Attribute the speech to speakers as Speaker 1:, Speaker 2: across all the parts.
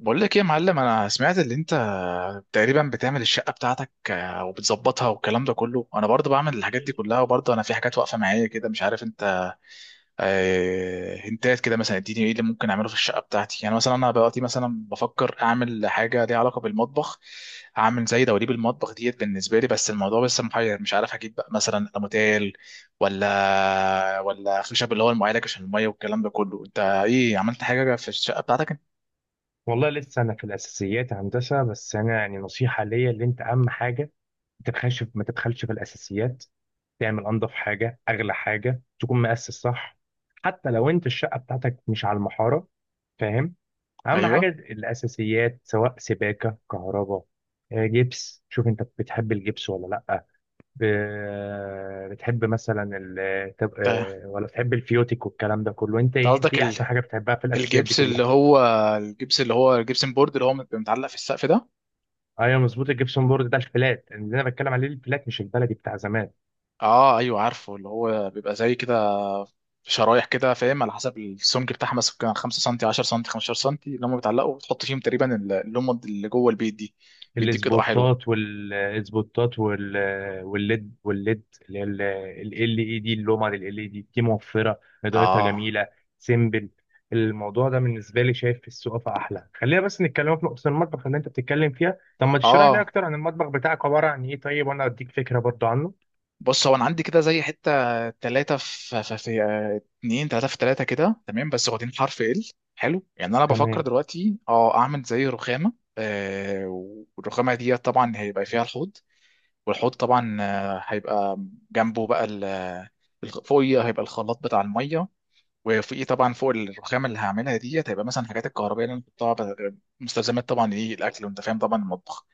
Speaker 1: بقول لك ايه يا معلم، انا سمعت اللي انت تقريبا بتعمل الشقه بتاعتك وبتظبطها والكلام ده كله. انا برضه بعمل الحاجات دي كلها، وبرضه انا في حاجات واقفه معايا كده مش عارف انت. هنتات كده مثلا اديني ايه اللي ممكن اعمله في الشقه بتاعتي، يعني مثلا انا دلوقتي مثلا بفكر اعمل حاجه ليها علاقه بالمطبخ، اعمل زي دواليب المطبخ ديت بالنسبه لي. بس الموضوع لسه محير، مش عارف هجيب بقى مثلا الموتيل ولا خشب اللي هو المعالج عشان الميه والكلام ده كله. انت ايه عملت حاجه في الشقه بتاعتك؟
Speaker 2: والله لسه انا في الاساسيات هندسه، بس انا يعني نصيحه ليا اللي انت: اهم حاجه ما تبخلش ما تبخلش في الاساسيات. تعمل انضف حاجه اغلى حاجه، تكون مؤسس صح، حتى لو انت الشقه بتاعتك مش على المحاره، فاهم؟ اهم حاجه
Speaker 1: ايوه.
Speaker 2: الاساسيات، سواء سباكه كهرباء. جبس. شوف انت بتحب الجبس ولا لا؟ بتحب مثلا ال... تب- آه، ولا بتحب الفيوتيك والكلام ده كله؟ انت
Speaker 1: انت
Speaker 2: إيه، انت
Speaker 1: قصدك
Speaker 2: ايه احسن حاجه بتحبها في الاساسيات دي
Speaker 1: الجبس اللي
Speaker 2: كلها؟
Speaker 1: هو الجبس اللي هو الجبسن بورد اللي هو بيبقى متعلق في السقف ده.
Speaker 2: ايوه مظبوط، الجبسون بورد ده الفلات اللي انا بتكلم عليه، الفلات مش البلدي بتاع زمان.
Speaker 1: اه ايوه عارفه، اللي هو بيبقى زي كده شرايح كده فاهم، على حسب السمك بتاعها مثلا كان 5 سم 10 سم 15 سم اللي هم بيتعلقوا، وتحط فيهم تقريبا اللمض اللي جوه البيت دي، بيديك اضاءه حلوه.
Speaker 2: الاسبوتات والليد، اللي هي ال اي دي، اللومه لل اي دي دي موفره، اضاءتها
Speaker 1: اه
Speaker 2: جميله، سيمبل. الموضوع ده بالنسبه لي شايف في السقف احلى. خلينا بس نتكلم في نقطه المطبخ اللي انت بتتكلم فيها. طب ما تشرح لي
Speaker 1: اه.
Speaker 2: اكتر عن المطبخ بتاعك عباره عن ايه، طيب، وانا اديك فكره برضو عنه.
Speaker 1: بص هو انا عندي كده زي حته ثلاثه اتنين ثلاثه في ثلاثه كده تمام، بس واخدين حرف ال حلو. يعني انا بفكر
Speaker 2: تمام.
Speaker 1: دلوقتي اعمل زي رخامه آه والرخامه دي طبعا هيبقى فيها الحوض، والحوض طبعا هيبقى جنبه بقى فوقيه هيبقى الخلاط بتاع الميه، وفوقيه طبعا فوق الرخامه اللي هعملها ديت هيبقى مثلا حاجات الكهربائيه اللي انا بحطها، مستلزمات طبعا ايه الاكل وانت فاهم طبعا المطبخ.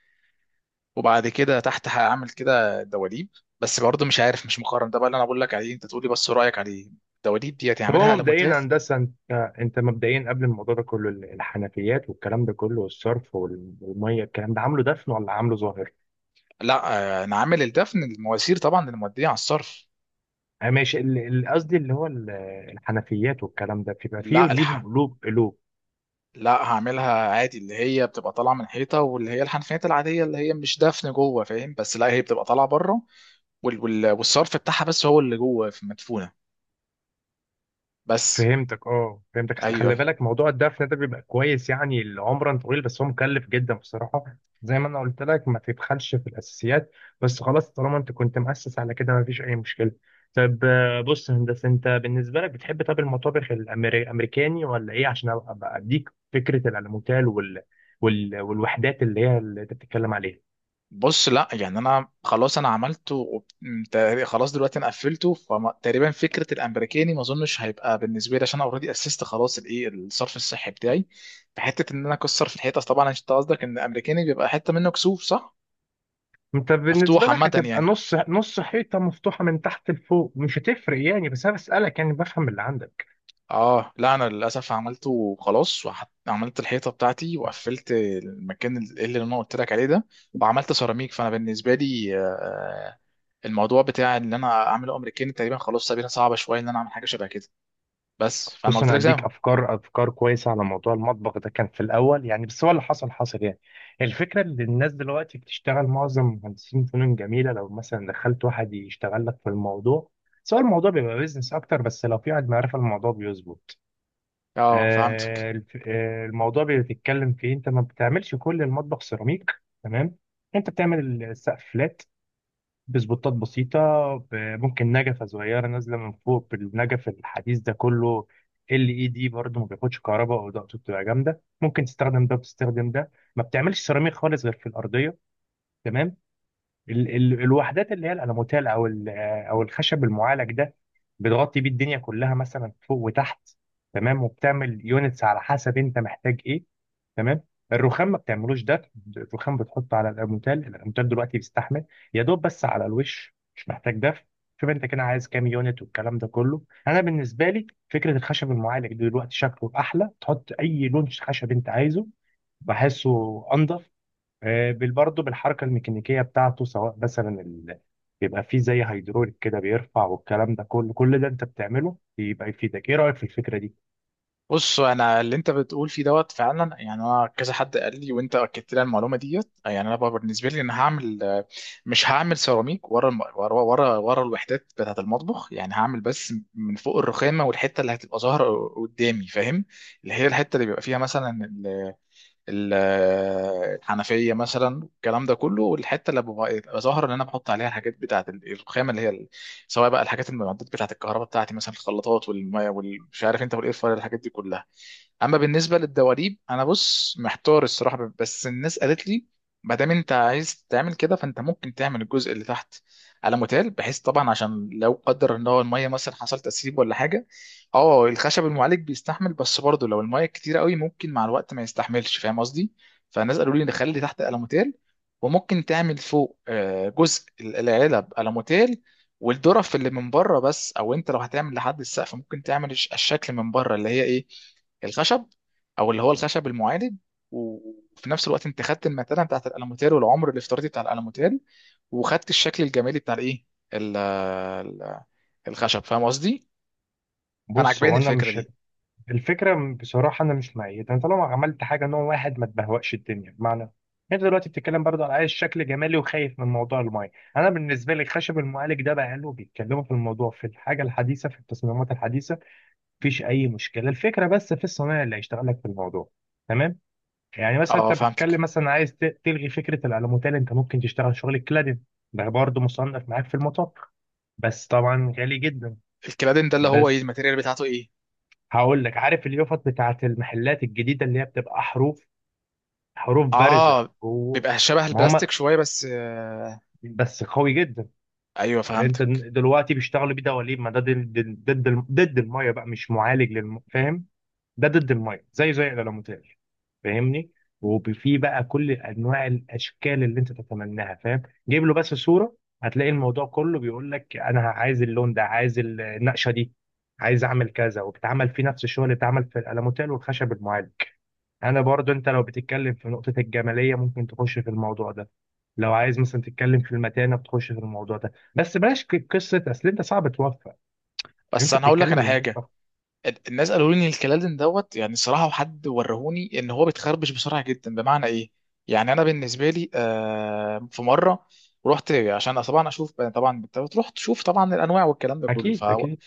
Speaker 1: وبعد كده تحت هعمل كده دواليب، بس برضه مش عارف، مش مقارن ده بقى اللي انا بقول لك عليه، انت تقولي بس رايك عليه. الدواليب دي
Speaker 2: طب
Speaker 1: هتعملها
Speaker 2: هو
Speaker 1: على مونتال؟
Speaker 2: مبدئيا هندسه، انت انت مبدئيا قبل الموضوع ده كله الحنفيات والكلام ده كله، والصرف والميه، الكلام ده عامله دفن ولا عامله ظاهر؟
Speaker 1: لا. انا عامل الدفن، المواسير طبعا الموديه على الصرف.
Speaker 2: ماشي. قصدي اللي هو الحنفيات والكلام ده بيبقى فيه
Speaker 1: لا
Speaker 2: ليهم
Speaker 1: الحق،
Speaker 2: قلوب قلوب؟
Speaker 1: لا هعملها عادي اللي هي بتبقى طالعه من حيطه، واللي هي الحنفيات العاديه اللي هي مش دفن جوه فاهم، بس لا هي بتبقى طالعه بره، والصرف بتاعها بس هو اللي جوه في مدفونه بس.
Speaker 2: فهمتك، اه، فهمتك. اصل
Speaker 1: ايوه،
Speaker 2: خلي
Speaker 1: أيوه.
Speaker 2: بالك موضوع الدفن ده بيبقى كويس يعني لعمرا طويل، بس هو مكلف جدا بصراحه. زي ما انا قلت لك، ما تبخلش في الاساسيات. بس خلاص، طالما انت كنت مؤسس على كده ما فيش اي مشكله. طب بص يا هندسه، انت بالنسبه لك بتحب طب المطابخ الامريكاني ولا ايه، عشان أبقى اديك فكره الالموتال والوحدات اللي هي اللي انت بتتكلم عليها؟
Speaker 1: بص لا يعني انا خلاص انا عملته خلاص دلوقتي انا قفلته، فتقريبا فكره الامريكاني ما اظنش هيبقى بالنسبه لي، عشان انا اوريدي اسست خلاص الايه الصرف الصحي بتاعي. في حته ان انا اكسر في الحيطه، طبعا انت قصدك ان الامريكاني بيبقى حته منه كسوف صح؟
Speaker 2: انت بالنسبه
Speaker 1: مفتوح
Speaker 2: لك
Speaker 1: عامه
Speaker 2: هتبقى
Speaker 1: يعني.
Speaker 2: نص نص، حيطه مفتوحه من تحت لفوق، مش هتفرق يعني، بس انا بسالك يعني بفهم اللي عندك.
Speaker 1: اه لا انا للاسف عملته وخلاص، عملت الحيطه بتاعتي وقفلت المكان اللي انا قلت لك عليه ده، وعملت سيراميك. فانا بالنسبه لي الموضوع بتاع ان انا اعمله امريكاني تقريبا خلاص سابينها، صعبه شويه ان انا اعمل حاجه شبه كده. بس فانا
Speaker 2: بص
Speaker 1: قلت
Speaker 2: انا
Speaker 1: لك زي
Speaker 2: هديك
Speaker 1: ما.
Speaker 2: افكار كويسه على موضوع المطبخ ده، كان في الاول يعني، بس هو اللي حصل حصل يعني. الفكره ان الناس دلوقتي بتشتغل معظم مهندسين فنون جميله، لو مثلا دخلت واحد يشتغل لك في الموضوع، سواء الموضوع بيبقى بيزنس اكتر، بس لو في واحد معرفه الموضوع بيظبط.
Speaker 1: اه فهمتك.
Speaker 2: الموضوع بيتكلم في إيه؟ انت ما بتعملش كل المطبخ سيراميك، تمام؟ انت بتعمل السقف فلات بسبوتات بسيطة، ب- ممكن نجفة صغيرة نازلة من فوق، بالنجف الحديث ده كله. ال اي دي برضه ما بياخدش كهرباء، او ضغطه بتبقى جامدة، ممكن تستخدم ده وتستخدم ده. ما بتعملش سيراميك خالص غير في الأرضية، تمام؟ ال ال الوحدات اللي هي الالموتال او او الخشب المعالج ده، بتغطي بيه الدنيا كلها مثلا فوق وتحت، تمام. وبتعمل يونتس على حسب انت محتاج ايه، تمام؟ الرخام ما بتعملوش ده، الرخام بتحطه على الالموتال، الالموتال دلوقتي بيستحمل. يا دوب بس على الوش، مش محتاج دفع. شوف انت كده عايز كام يونت والكلام ده كله. انا بالنسبه لي فكره الخشب المعالج دلوقتي شكله احلى، تحط اي لون خشب انت عايزه، بحسه انضف. برضه بالحركة الميكانيكية بتاعته، سواء مثلا بيبقى فيه زي هيدروليك كده بيرفع، والكلام ده كله. كل ده انت بتعمله بيبقى يفيدك. ايه رأيك في الفكرة دي؟
Speaker 1: بص انا اللي انت بتقول فيه دوت فعلا، يعني انا كذا حد قال لي وانت اكدت لي المعلومه ديت، يعني انا بقى بالنسبه لي انا هعمل مش هعمل سيراميك ورا الم... ورا ورا ورا الوحدات بتاعه المطبخ، يعني هعمل بس من فوق الرخامه والحته اللي هتبقى ظاهره قدامي فاهم، اللي هي الحته اللي بيبقى فيها مثلا ال... ال... آه، الحنفيه مثلا الكلام ده كله، والحته اللي ببقى بتبقى ظاهره اللي انا بحط عليها الحاجات بتاعه الرخامه اللي هي سواء بقى الحاجات، المعدات بتاعه الكهرباء بتاعتي، مثلا الخلاطات والميه والمش عارف انت والاير فراير، الحاجات دي كلها. اما بالنسبه للدواليب انا بص محتار الصراحه، بس الناس قالت لي ما دام انت عايز تعمل كده، فانت ممكن تعمل الجزء اللي تحت على متال، بحيث طبعا عشان لو قدر ان هو الميه مثلا حصل تسريب ولا حاجه. اه الخشب المعالج بيستحمل، بس برضه لو الميه كتيره قوي ممكن مع الوقت ما يستحملش فاهم قصدي. فالناس قالوا لي نخلي تحت الموتيل، وممكن تعمل فوق جزء العلب الموتيل والدرف اللي من بره بس، او انت لو هتعمل لحد السقف ممكن تعمل الشكل من بره اللي هي ايه، الخشب، او اللي هو الخشب المعادن، وفي نفس الوقت انت خدت المتانه بتاعت الالوميتال والعمر الافتراضي بتاع الالوميتال، وخدت الشكل الجمالي بتاع الايه ال- ال- الخشب، فاهم قصدي؟ فانا
Speaker 2: بص
Speaker 1: عجباني
Speaker 2: هو انا
Speaker 1: الفكره
Speaker 2: مش
Speaker 1: دي.
Speaker 2: الفكرة بصراحة انا مش مؤيدها. انت لو عملت حاجة نوع واحد ما تبهوأش الدنيا. بمعنى، انت دلوقتي بتتكلم برضه على عايز شكل جمالي، وخايف من موضوع المايه. انا بالنسبه لي خشب المعالج ده بقى له بيتكلموا في الموضوع، في الحاجه الحديثه في التصميمات الحديثه، مفيش اي مشكله. الفكره بس في الصنايعي اللي هيشتغل لك في الموضوع، تمام؟ يعني مثلا
Speaker 1: اه
Speaker 2: انت
Speaker 1: فهمتك.
Speaker 2: بتتكلم مثلا عايز تلغي فكره الالوميتال، انت ممكن تشتغل شغل الكلادين. ده برضه مصنف معاك في المطاق، بس طبعا غالي جدا.
Speaker 1: الكلادين ده اللي هو ايه،
Speaker 2: بس
Speaker 1: الماتيريال بتاعته ايه؟
Speaker 2: هقول لك: عارف اليافط بتاعت المحلات الجديده اللي هي بتبقى حروف، حروف بارزه
Speaker 1: اه
Speaker 2: جوه؟
Speaker 1: بيبقى شبه
Speaker 2: ما هم
Speaker 1: البلاستيك شويه بس.
Speaker 2: بس قوي جدا.
Speaker 1: ايوه
Speaker 2: انت
Speaker 1: فهمتك.
Speaker 2: دلوقتي بيشتغلوا بيه دواليب، ما ده ضد الميه بقى، مش معالج فاهم؟ ده ضد الميه، زي الالوميتاج، فاهمني؟ وفي بقى كل انواع الاشكال اللي انت تتمناها، فاهم؟ جيب له بس صوره، هتلاقي الموضوع كله بيقول لك: انا عايز اللون ده، عايز النقشه دي، عايز اعمل كذا، وبتعمل فيه نفس الشغل اللي اتعمل في الالوميتال والخشب المعالج. انا برضو، انت لو بتتكلم في نقطه الجماليه ممكن تخش في الموضوع ده. لو عايز مثلا تتكلم في المتانه بتخش في الموضوع ده، بس بلاش قصه، اصل انت صعب توفق يعني،
Speaker 1: بس
Speaker 2: انت
Speaker 1: انا هقول لك
Speaker 2: بتتكلم
Speaker 1: على حاجه،
Speaker 2: المطبخ.
Speaker 1: الناس قالوا لي ان الكلادن دوت يعني صراحه، وحد ورهوني ان هو بيتخربش بسرعه جدا. بمعنى ايه، يعني انا بالنسبه لي في مره رحت عشان طبعا اشوف طبعا، رحت تشوف طبعا الانواع والكلام ده كله ف،
Speaker 2: اكيد اكيد.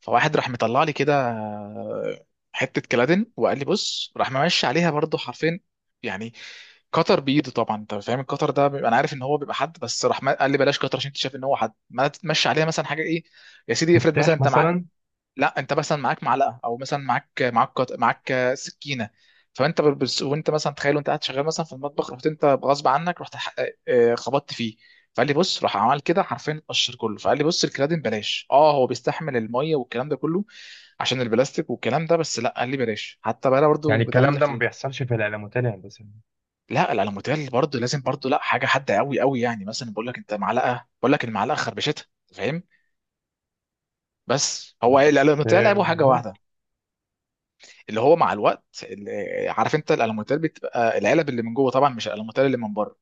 Speaker 1: فواحد راح مطلع لي كده حته كلادن، وقال لي بص، راح ممشي عليها برضو حرفين، يعني كتر بايده، طبعا انت فاهم الكتر ده بيبقى، انا عارف ان هو بيبقى حد، بس راح قال لي بلاش كتر عشان انت شايف ان هو حد. ما تمشي عليها مثلا حاجه ايه، يا سيدي افرض مثلا
Speaker 2: مفتاح
Speaker 1: انت معاك،
Speaker 2: مثلا.
Speaker 1: لا انت مثلا معاك معلقه، او مثلا معاك سكينه، فانت بس وانت مثلا تخيل وانت قاعد شغال مثلا في المطبخ، رحت انت غصب عنك رحت خبطت فيه، فقال لي بص راح عمل كده حرفيا اتقشر كله. فقال لي بص الكرادين بلاش، اه هو بيستحمل الميه والكلام ده كله عشان البلاستيك والكلام ده، بس لا قال لي بلاش، حتى بقى
Speaker 2: يعني
Speaker 1: برضه ده
Speaker 2: الكلام
Speaker 1: اللي
Speaker 2: ده ما بيحصلش في العلامات الهندسية.
Speaker 1: لا الالوميتال برضه لازم برضه، لا حاجه حاده قوي قوي، يعني مثلا بقول لك انت معلقه، بقول لك المعلقه خربشتها فاهم، بس هو ايه
Speaker 2: بس
Speaker 1: الالوميتال لعبه حاجه واحده،
Speaker 2: ممكن.
Speaker 1: اللي هو مع الوقت عارف انت الالومنتال بتبقى العلب اللي من جوه طبعا، مش الالومنتال اللي من بره،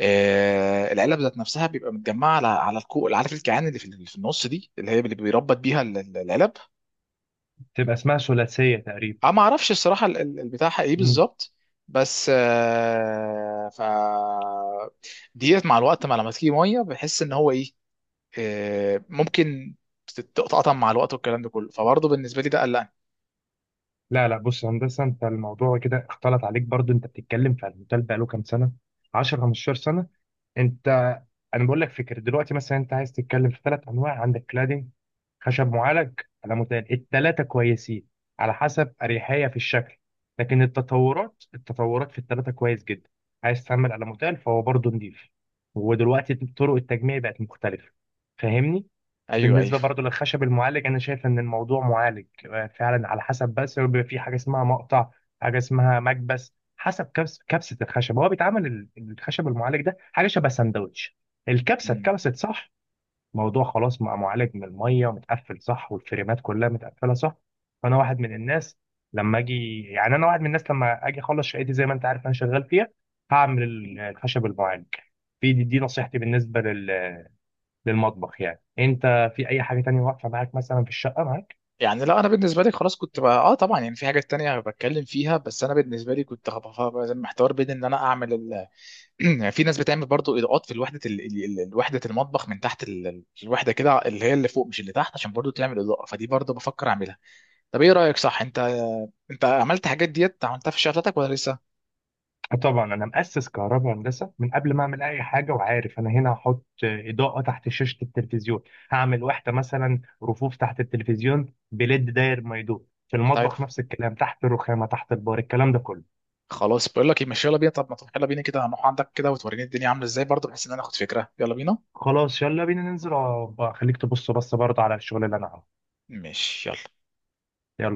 Speaker 1: العلب ذات نفسها بيبقى متجمعه على الكوع، عارف الكيعان اللي في النص دي اللي هي اللي بيربط بيها العلب.
Speaker 2: تبقى اسمها ثلاثية تقريبا.
Speaker 1: انا ما اعرفش الصراحه البتاع ايه
Speaker 2: مم.
Speaker 1: بالظبط، بس آه ف ديت مع الوقت، مع لما تيجي ميه بحس ان هو ايه، ممكن تتقطع مع الوقت والكلام ده كله، فبرضه بالنسبه لي ده قلقني.
Speaker 2: لا لا، بص يا هندسة، انت الموضوع كده اختلط عليك برضو. انت بتتكلم في الموتيل بقاله كام سنة، 10 15 سنة انت. انا بقول لك فكر دلوقتي، مثلا انت عايز تتكلم في ثلاث انواع: عندك كلادنج، خشب معالج، على متقال. الثلاثه كويسين على حسب اريحيه في الشكل، لكن التطورات في الثلاثه كويس جدا. عايز تعمل على موتيل، فهو برضه نضيف. ودلوقتي طرق التجميع بقت مختلفه، فاهمني؟
Speaker 1: ايوه ايوه.
Speaker 2: بالنسبه برضه للخشب المعالج، انا شايف ان الموضوع معالج فعلا على حسب، بس بيبقى في حاجه اسمها مقطع، حاجه اسمها مكبس، حسب كبس كبسه الخشب. هو بيتعمل الخشب المعالج ده حاجه شبه سندوتش، الكبسه اتكبست صح، موضوع خلاص مع معالج من الميه ومتقفل صح، والفريمات كلها متقفله صح. فانا واحد من الناس لما اجي، يعني انا واحد من الناس لما اجي اخلص شقتي، زي ما انت عارف انا شغال فيها، هعمل الخشب المعالج في دي, نصيحتي بالنسبه للمطبخ، يعني انت في اي حاجه تانية واقفه معاك مثلا في الشقه معاك؟
Speaker 1: يعني لا انا بالنسبه لي خلاص كنت بقى طبعا يعني في حاجات تانية بتكلم فيها، بس انا بالنسبه لي كنت محتار بين ان انا اعمل يعني في ناس بتعمل برضو اضاءات في الوحده وحده المطبخ، من تحت الوحده كده اللي هي اللي فوق مش اللي تحت، عشان برضو تعمل اضاءه، فدي برضو بفكر اعملها. طب ايه رايك صح؟ انت عملت حاجات ديت عملتها في الشقه بتاعتك ولا لسه؟
Speaker 2: آه طبعا، انا مؤسس كهرباء هندسه من قبل ما اعمل اي حاجه، وعارف انا هنا هحط اضاءه تحت شاشه التلفزيون، هعمل واحده مثلا رفوف تحت التلفزيون بليد داير ما يدور في
Speaker 1: طيب.
Speaker 2: المطبخ، نفس الكلام تحت الرخامه تحت البار، الكلام ده كله.
Speaker 1: خلاص بقول لك ايه، ماشي يلا بينا، طب ما تروح يلا بينا كده، هنروح عندك كده وتوريني الدنيا عامله ازاي برضو، بحيث ان انا اخد فكره، يلا بينا.
Speaker 2: خلاص، يلا بينا ننزل، بقى خليك تبص بس برضه على الشغل اللي انا عامله.
Speaker 1: ماشي يلا.
Speaker 2: يلا.